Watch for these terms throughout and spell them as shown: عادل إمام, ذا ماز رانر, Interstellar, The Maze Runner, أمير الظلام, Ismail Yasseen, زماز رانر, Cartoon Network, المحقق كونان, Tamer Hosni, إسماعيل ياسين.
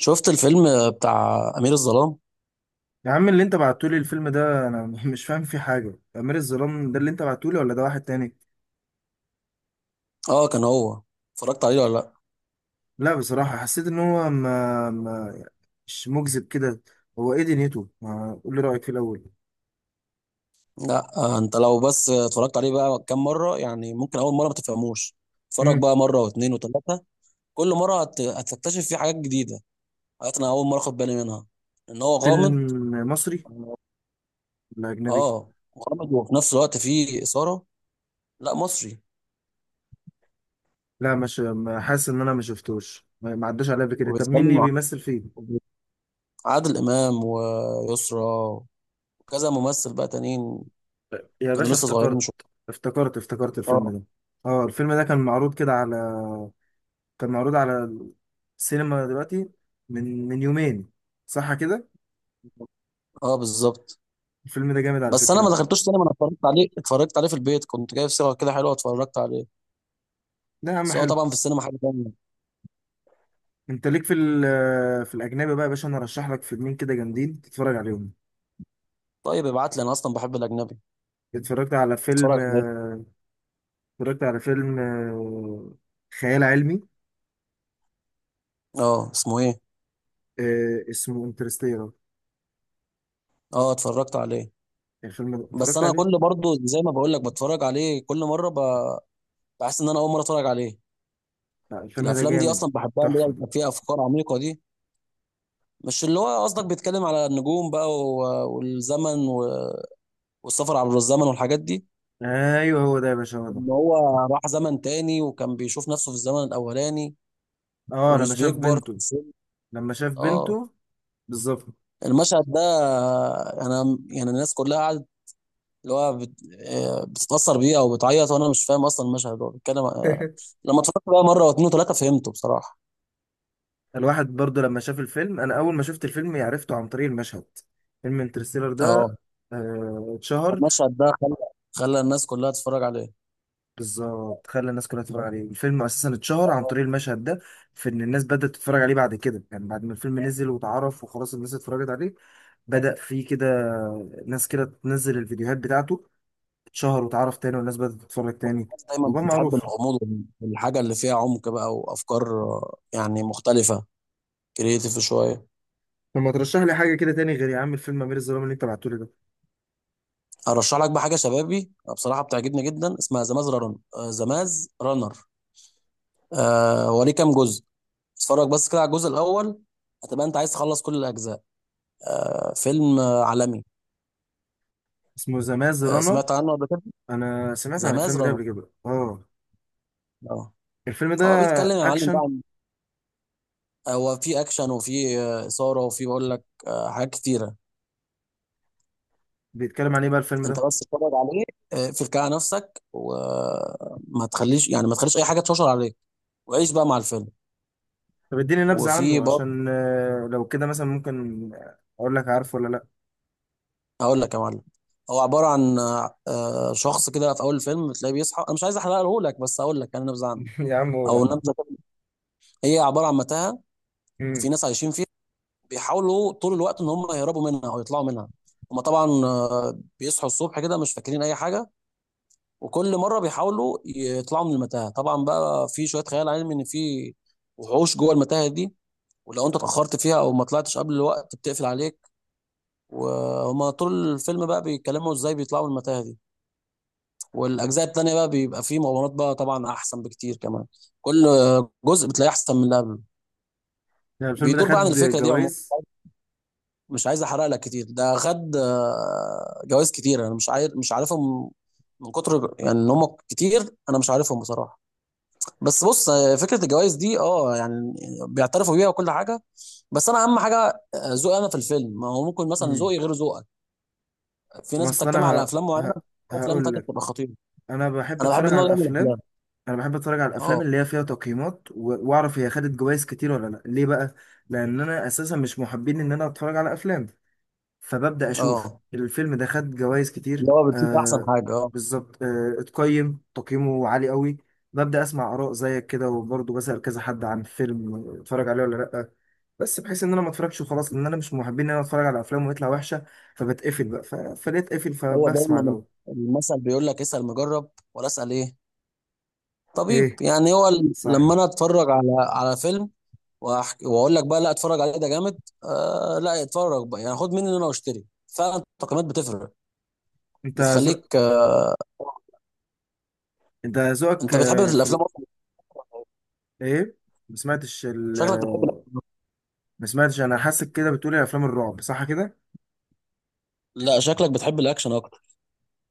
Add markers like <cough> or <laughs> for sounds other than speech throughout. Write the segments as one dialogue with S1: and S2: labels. S1: شفت الفيلم بتاع أمير الظلام؟
S2: يا عم اللي انت بعتولي الفيلم ده انا <laughs> مش فاهم فيه حاجة، امير الظلام ده اللي انت بعتولي ولا ده واحد تاني؟
S1: اه كان هو. اتفرجت عليه ولا لا؟
S2: لا بصراحة حسيت ان هو ما مش مجذب كده. هو ايه دنيته؟ ما قول لي رأيك في الاول.
S1: لا آه، انت لو بس اتفرجت عليه بقى كام مرة، يعني ممكن أول مرة ما تفهموش. اتفرج
S2: امم.
S1: بقى مرة واتنين وتلاتة. كل مرة هتكتشف فيه حاجات جديدة، حاجات أنا أول مرة أخد بالي منها، إن هو
S2: فيلم
S1: غامض.
S2: مصري ولا اجنبي؟
S1: اه، غامض وفي نفس الوقت فيه إثارة. لا مصري.
S2: لا مش حاسس ان انا ما شفتوش، ما عداش عليا قبل كده. طب مين اللي
S1: وبيتكلم عن
S2: بيمثل فيه؟
S1: عادل إمام ويسرا وكذا ممثل بقى تانيين،
S2: يا
S1: كانوا
S2: باشا
S1: لسه صغيرين
S2: افتكرت.
S1: شوية.
S2: افتكرت الفيلم
S1: اه.
S2: ده. اه، الفيلم ده كان معروض كده على، كان معروض على السينما دلوقتي، من يومين، صح كده؟
S1: اه بالظبط.
S2: الفيلم ده جامد على
S1: بس انا ما
S2: فكرة.
S1: دخلتوش سينما، انا اتفرجت عليه، اتفرجت عليه في البيت، كنت جايب صيغه كده حلوه اتفرجت عليه.
S2: لا يا عم،
S1: بس هو
S2: حلو.
S1: طبعا في السينما حاجه تانية.
S2: انت ليك في في الاجنبي بقى يا باشا، انا ارشح لك فيلمين كده جامدين تتفرج عليهم.
S1: طيب ابعت لي، انا اصلا بحب الاجنبي.
S2: اتفرجت على فيلم
S1: اتفرج عليه.
S2: آه، اتفرجت على فيلم خيال علمي.
S1: اه اسمه ايه.
S2: اسمه انترستيلر.
S1: اه اتفرجت عليه.
S2: الفيلم ده
S1: بس
S2: اتفرجت
S1: انا
S2: عليه.
S1: كل برضو زي ما بقول لك بتفرج عليه كل مره بحس ان انا اول مره اتفرج عليه.
S2: لا، الفيلم ده
S1: الافلام دي
S2: جامد.
S1: اصلا بحبها، اللي هي
S2: تحفة.
S1: بيبقى فيها افكار عميقه دي. مش اللي هو قصدك بيتكلم على النجوم بقى والزمن والسفر عبر الزمن والحاجات دي.
S2: ايوه هو ده يا باشا، هو ده.
S1: ان هو راح زمن تاني وكان بيشوف نفسه في الزمن الاولاني
S2: اه، لما
S1: ومش
S2: شاف
S1: بيكبر.
S2: بنته، لما شاف
S1: اه.
S2: بنته بالظبط.
S1: المشهد ده انا يعني الناس كلها قعدت، اللي هو بت... آه، بتتأثر بيه او بتعيط وانا مش فاهم اصلا المشهد هو بيتكلم
S2: <laughs>
S1: لما اتفرجت بقى مره واتنين وتلاته فهمته بصراحه.
S2: الواحد برضه لما شاف الفيلم، انا اول ما شفت الفيلم عرفته عن طريق المشهد. فيلم انترستيلر
S1: اه.
S2: ده اتشهر.
S1: المشهد ده خلى الناس كلها تتفرج عليه.
S2: بالظبط، خلى الناس كلها تتفرج عليه. الفيلم اساسا اتشهر عن
S1: هو
S2: طريق المشهد ده، في ان الناس بدأت تتفرج عليه بعد كده، يعني بعد ما الفيلم نزل واتعرف وخلاص الناس اتفرجت عليه. بدأ في كده. ناس كده تنزل الفيديوهات بتاعته. اتشهر واتعرف تاني، والناس بدأت تتفرج تاني.
S1: الناس دايما
S2: وبقى
S1: بتحب
S2: معروف.
S1: الغموض والحاجه اللي فيها عمق بقى وافكار يعني مختلفه، كريتيف شويه.
S2: طب ما ترشح لي حاجة كده تاني غير يا عم الفيلم أمير الظلام اللي أنت بعتهولي ده.
S1: ارشح لك بقى حاجه شبابي، بصراحه بتعجبني جدا، اسمها زماز رانر. وليه كام جزء. اتفرج بس كده على الجزء الاول، هتبقى انت عايز تخلص كل الاجزاء. آه فيلم عالمي.
S2: اسمه ذا ماز
S1: آه
S2: رانر.
S1: سمعت عنه قبل كده.
S2: أنا سمعت
S1: ذا
S2: عن
S1: ماز
S2: الفيلم ده
S1: رانر.
S2: قبل كده آه.
S1: اه.
S2: الفيلم ده.
S1: هو بيتكلم يا معلم بقى
S2: أكشن.
S1: هو في اكشن وفي اثاره وفي بقول لك آه حاجات كتيره.
S2: بيتكلم عن إيه بقى الفيلم
S1: انت
S2: ده؟
S1: بس اتفرج عليه، فك على نفسك وما تخليش، يعني ما تخليش اي حاجه تشوشر عليك، وعيش بقى مع الفيلم.
S2: طب اديني نبذة
S1: وفي
S2: عنه
S1: برضه
S2: عشان لو كده مثلا ممكن اقول لك عارفه ولا لا.
S1: هقول لك يا معلم. هو عباره عن شخص كده في اول الفيلم بتلاقيه بيصحى، انا مش عايز احرقه لك بس هقول لك انا نبذه عنه
S2: <laughs> يا عم قول يا
S1: او
S2: عم.
S1: نبذه كده. هي عباره عن متاهه
S2: امم.
S1: وفي ناس عايشين فيها، بيحاولوا طول الوقت ان هم يهربوا منها او يطلعوا منها. هم طبعا بيصحوا الصبح كده مش فاكرين اي حاجه، وكل مره بيحاولوا يطلعوا من المتاهه. طبعا بقى في شويه خيال علمي، ان في وحوش جوه المتاهه دي، ولو انت اتاخرت فيها او ما طلعتش قبل الوقت بتقفل عليك. وهم طول الفيلم بقى بيتكلموا ازاي بيطلعوا من المتاهه دي. والاجزاء التانيه بقى بيبقى فيه مغامرات بقى طبعا احسن بكتير كمان، كل جزء بتلاقيه احسن من اللي قبله.
S2: يعني الفيلم ده
S1: بيدور بقى عن
S2: خد
S1: الفكره دي عموما.
S2: جوائز؟
S1: مش عايز احرق لك كتير، ده خد جوائز كتير، انا مش عارفهم من كتر، يعني ان هم كتير انا مش عارفهم بصراحه. بس بص فكره الجوائز دي اه يعني بيعترفوا بيها وكل حاجه. بس انا اهم حاجه ذوقي انا في الفيلم، ما هو ممكن مثلا
S2: امم.
S1: ذوقي غير ذوقك. في
S2: ما
S1: ناس
S2: اصل
S1: بتجتمع
S2: انا
S1: على افلام معينه، افلام
S2: هقول
S1: تانية
S2: لك.
S1: بتبقى خطيره.
S2: انا بحب
S1: انا بحب
S2: اتفرج على
S1: النوع ده من
S2: الافلام.
S1: الافلام.
S2: انا بحب اتفرج على الافلام
S1: اه.
S2: اللي هي فيها تقييمات واعرف هي خدت جوائز كتير ولا لا، ليه بقى. لان انا اساسا مش محبين ان انا اتفرج على افلام. فببدأ أشوف
S1: اه
S2: الفيلم ده خد جوائز
S1: اللي
S2: كتير.
S1: هو بتشوف احسن
S2: آه،
S1: حاجه اه.
S2: بالظبط. اتقيم تقييمه عالي قوي. ببدأ أسمع آراء زيك كده، وبرضه بسأل كذا حد عن فيلم، اتفرج عليه ولا لأ. بس بحيث إن أنا ما اتفرجش وخلاص، لأن أنا مش من محبين إن أنا أتفرج على أفلام ويطلع وحشة. فبتقفل بقى، فليه أتقفل،
S1: هو
S2: فبسمع
S1: دايما
S2: الأول.
S1: المثل بيقول لك اسال مجرب ولا اسال ايه، طبيب،
S2: إيه.
S1: يعني هو
S2: صح.
S1: لما انا اتفرج على فيلم وأحكي واقول لك بقى لا اتفرج عليه ده جامد، آه لا اتفرج بقى، يعني خد مني ان انا واشتري فعلا، التقييمات بتفرق،
S2: أنت ذوق.
S1: بتخليك آه.
S2: أنت ذوقك
S1: انت بتحب
S2: في
S1: الافلام
S2: ال...
S1: أكتر.
S2: إيه. ما سمعتش ال...
S1: شكلك بتحب.
S2: آه، ما سمعتش، أنا حاسك كده بتقولي أفلام الرعب، صح كده؟
S1: لا شكلك بتحب الاكشن اكتر.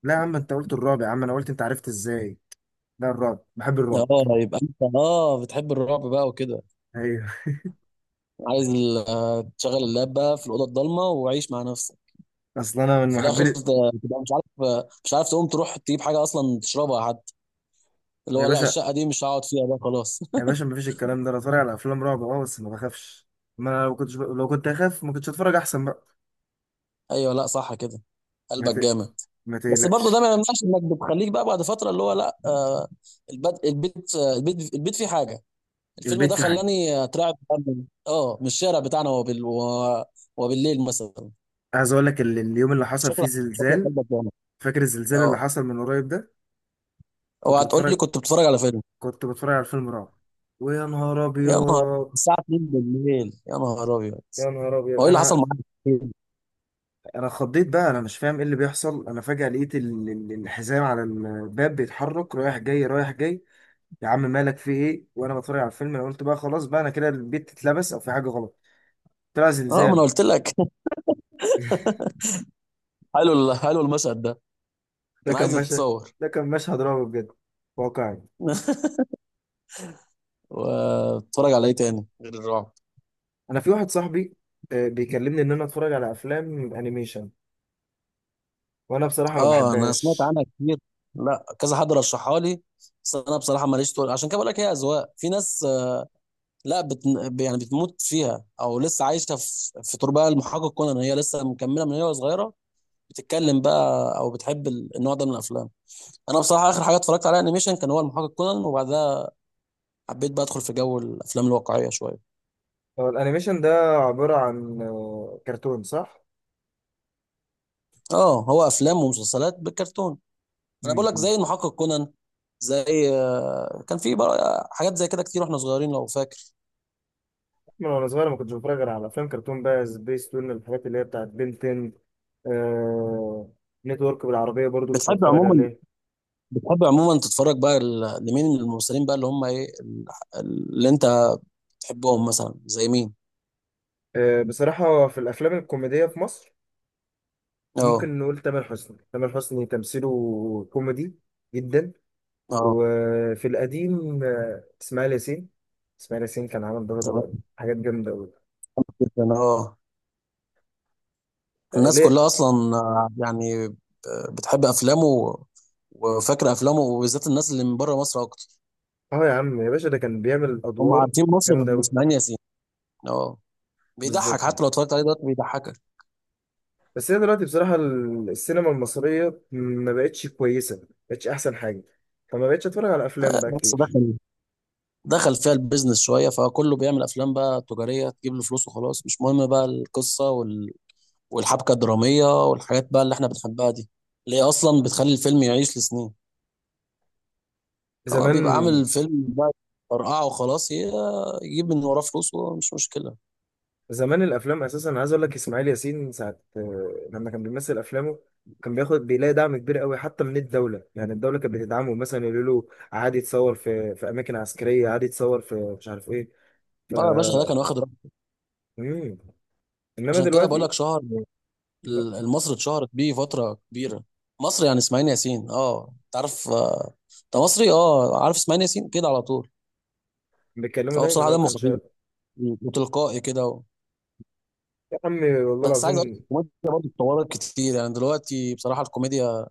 S2: لا يا عم، أنت قلت الرعب يا عم، أنا قلت أنت عرفت إزاي. ده الرعب، بحب الرعب.
S1: اه يبقى انت اه بتحب الرعب بقى وكده،
S2: ايوه.
S1: عايز تشغل اللاب بقى في الاوضه الضلمه وعيش مع نفسك،
S2: اصل انا من
S1: في الاخر
S2: محبين.
S1: تبقى مش عارف، مش عارف تقوم تروح تجيب حاجه اصلا تشربها حتى، اللي
S2: يا
S1: هو لا
S2: باشا،
S1: الشقه دي مش هقعد فيها بقى خلاص.
S2: يا
S1: <laughs>
S2: باشا مفيش الكلام ده، انا اتفرج على افلام رعب اه، بس ما بخافش. ما انا لو كنت اخاف ما كنتش اتفرج احسن بقى.
S1: ايوه لا صح كده،
S2: ما ت...
S1: قلبك جامد.
S2: ما
S1: بس برضه ده ما
S2: تقلقش.
S1: يمنعش انك بتخليك بقى بعد فتره اللي هو لا آه، البيت البيت فيه حاجه. الفيلم
S2: البيت
S1: ده
S2: فيه حاجه.
S1: خلاني اترعب فعلاً. اه من الشارع بتاعنا وبالليل مثلا.
S2: عايز اقول لك اليوم اللي حصل فيه
S1: شكلك شكلك
S2: زلزال.
S1: قلبك جامد.
S2: فاكر الزلزال اللي
S1: اه.
S2: حصل من قريب ده؟ كنت
S1: اوعى تقول لي
S2: بتفرج.
S1: كنت بتتفرج على فيلم.
S2: كنت بتفرج على فيلم رعب، ويا نهار
S1: يا نهار،
S2: ابيض.
S1: الساعه 2 بالليل، يا نهار ابيض.
S2: يا نهار ابيض
S1: هو ايه اللي حصل
S2: انا،
S1: معاك في الفيلم؟
S2: انا خضيت بقى، انا مش فاهم ايه اللي بيحصل، انا فجاه لقيت الحزام على الباب بيتحرك رايح جاي رايح جاي. يا عم مالك، في ايه وانا بتفرج على الفيلم؟ انا قلت بقى خلاص بقى انا كده، البيت اتلبس او في حاجه غلط. طلع
S1: اه ما انا
S2: زلزال.
S1: قلت لك. <laughs> حلو حلو المشهد ده،
S2: ده
S1: كان
S2: كان
S1: عايز
S2: مشهد
S1: يتصور.
S2: ده كان مشهد رعب بجد، واقعي.
S1: <laughs> وبتتفرج على ايه تاني غير الرعب.
S2: انا في واحد صاحبي بيكلمني ان انا اتفرج على افلام انيميشن، وانا بصراحه ما
S1: اه انا سمعت
S2: بحبهاش.
S1: عنها كتير، لا كذا حد رشحها لي، بس انا بصراحه ماليش تقول، عشان كده بقول لك هي اذواق، في ناس آه، لا بت... يعني بتموت فيها او لسه عايشه في تربه المحقق كونان، هي لسه مكمله من هي صغيره بتتكلم بقى او بتحب النوع ده من الافلام. انا بصراحه اخر حاجه اتفرجت عليها انيميشن كان هو المحقق كونان، وبعدها حبيت بقى ادخل في جو الافلام الواقعيه شويه.
S2: هو الانيميشن ده عباره عن كرتون، صح؟
S1: اه هو افلام ومسلسلات بالكرتون. انا بقول لك
S2: م-م.
S1: زي المحقق كونان، زي كان في بقى حاجات زي كده كتير واحنا صغيرين لو فاكر.
S2: من وانا صغير ما كنتش بتفرج غير على افلام كرتون بقى، سبيس تون الحاجات اللي هي بتاعت بنتن آه نتورك بالعربيه، برضو كنت
S1: بتحب
S2: بتفرج
S1: عموما،
S2: عليه.
S1: بتحب عموما تتفرج بقى لمين من الممثلين بقى، اللي هم ايه اللي انت تحبهم مثلا زي مين.
S2: آه، بصراحه في الافلام الكوميديه في مصر،
S1: اه.
S2: ممكن نقول تامر حسني. تامر حسني تمثيله كوميدي جدا.
S1: اه.
S2: وفي القديم اسماعيل ياسين. اسماعيل ياسين كان عامل
S1: تمام.
S2: برضه حاجات جامدة أوي.
S1: جدا اه.
S2: آه،
S1: الناس
S2: ليه؟
S1: كلها اصلا بتحب افلامه وفاكره افلامه، وبالذات الناس اللي من بره مصر اكتر
S2: اه يا عم يا باشا، ده كان بيعمل
S1: هم
S2: أدوار
S1: عارفين مصر
S2: جامدة
S1: بيبقوا
S2: أوي،
S1: مسمعين ياسين. اه. بيضحك،
S2: بالظبط.
S1: حتى لو اتفرجت عليه دلوقتي بيضحكك.
S2: بس هي دلوقتي بصراحة السينما المصرية ما بقتش كويسة، ما بقتش أحسن حاجة. فما بقتش أتفرج على أفلام بقى
S1: بس
S2: كتير.
S1: دخل فيها البيزنس شويه، فكله بيعمل افلام بقى تجاريه تجيب له فلوس وخلاص، مش مهم بقى القصه والحبكة الدرامية والحاجات بقى اللي احنا بنحبها دي، اللي هي أصلا بتخلي الفيلم يعيش لسنين. هو
S2: زمان،
S1: بيبقى عامل فيلم بقى فرقعه وخلاص يجيب من وراه فلوس ومش مشكلة.
S2: زمان الافلام اساسا، أنا عايز اقول لك اسماعيل ياسين ساعه لما كان بيمثل افلامه كان بياخد، بيلاقي دعم كبير قوي حتى من الدوله. يعني الدوله كانت بتدعمه مثلا، يقولوا له عادي يتصور في اماكن عسكريه، عادي يتصور في مش عارف ايه، ف
S1: اه يا باشا، ده كان واخد رقم،
S2: مم. انما
S1: عشان كده بقول لك
S2: دلوقتي
S1: شهر
S2: لا.
S1: مصر، اتشهرت بيه فترة كبيرة مصر، يعني إسماعيل ياسين اه انت عارف انت مصري اه عارف إسماعيل ياسين كده على طول.
S2: بيتكلموا
S1: هو
S2: دايما
S1: بصراحة
S2: هو
S1: دمه
S2: كان
S1: خفيف
S2: شايف.
S1: وتلقائي كده و...
S2: يا عمي والله
S1: بس عايز اقول لك
S2: العظيم.
S1: الكوميديا برضه اتطورت كتير، يعني دلوقتي بصراحة الكوميديا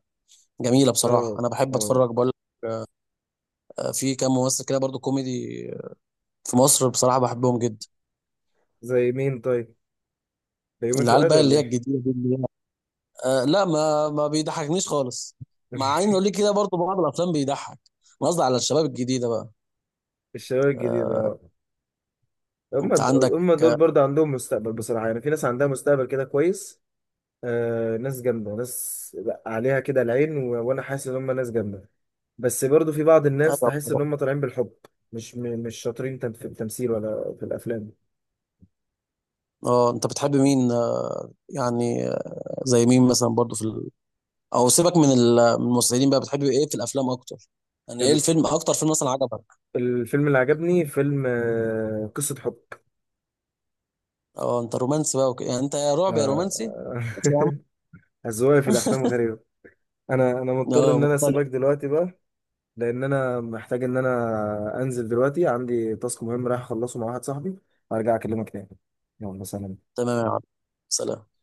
S1: جميلة بصراحة،
S2: اه.
S1: أنا بحب
S2: اه.
S1: أتفرج، بقول في كام ممثل كده برضو كوميدي في مصر بصراحة بحبهم جدا.
S2: زي مين طيب؟ بيومي
S1: العيال
S2: فؤاد
S1: بقى اللي
S2: ولا
S1: هي
S2: ايه؟
S1: الجديدة دي، اللي هي آه لا ما بيضحكنيش خالص، مع
S2: <laughs>
S1: انه ليه كده برضو بعض الافلام بيضحك. أنا قصدي على الشباب الجديدة بقى.
S2: الشباب الجديد
S1: آه.
S2: اه. هم
S1: انت عندك.
S2: هم دول برضه عندهم مستقبل بصراحه، يعني في ناس عندها مستقبل كده كويس. آه، ناس جامدة، ناس لأ، عليها كده العين، وانا حاسس ان هم ناس جامدة. بس برضو في بعض الناس تحس ان
S1: أيوة.
S2: هم طالعين بالحب. مش شاطرين، في التمثيل ولا في الافلام.
S1: اه انت بتحب مين آه، يعني زي مين مثلا برضو في او سيبك من الممثلين بقى، بتحب ايه في الافلام اكتر، يعني ايه
S2: ال...
S1: الفيلم، اكتر فيلم مثلا عجبك.
S2: الفيلم اللي عجبني فيلم آه قصة حب.
S1: اه انت رومانسي بقى وكده، يعني انت يا رعب يا رومانسي. ماشي يا عم.
S2: آه. <laughs> أذواقي في الافلام غريبة. انا مضطر
S1: اه
S2: ان انا
S1: مختلف.
S2: اسيبك دلوقتي بقى، لان انا محتاج ان انا انزل دلوقتي، عندي تاسك مهم رايح اخلصه مع واحد صاحبي، وارجع اكلمك تاني. يلا سلام.
S1: تمام يا عم، سلام.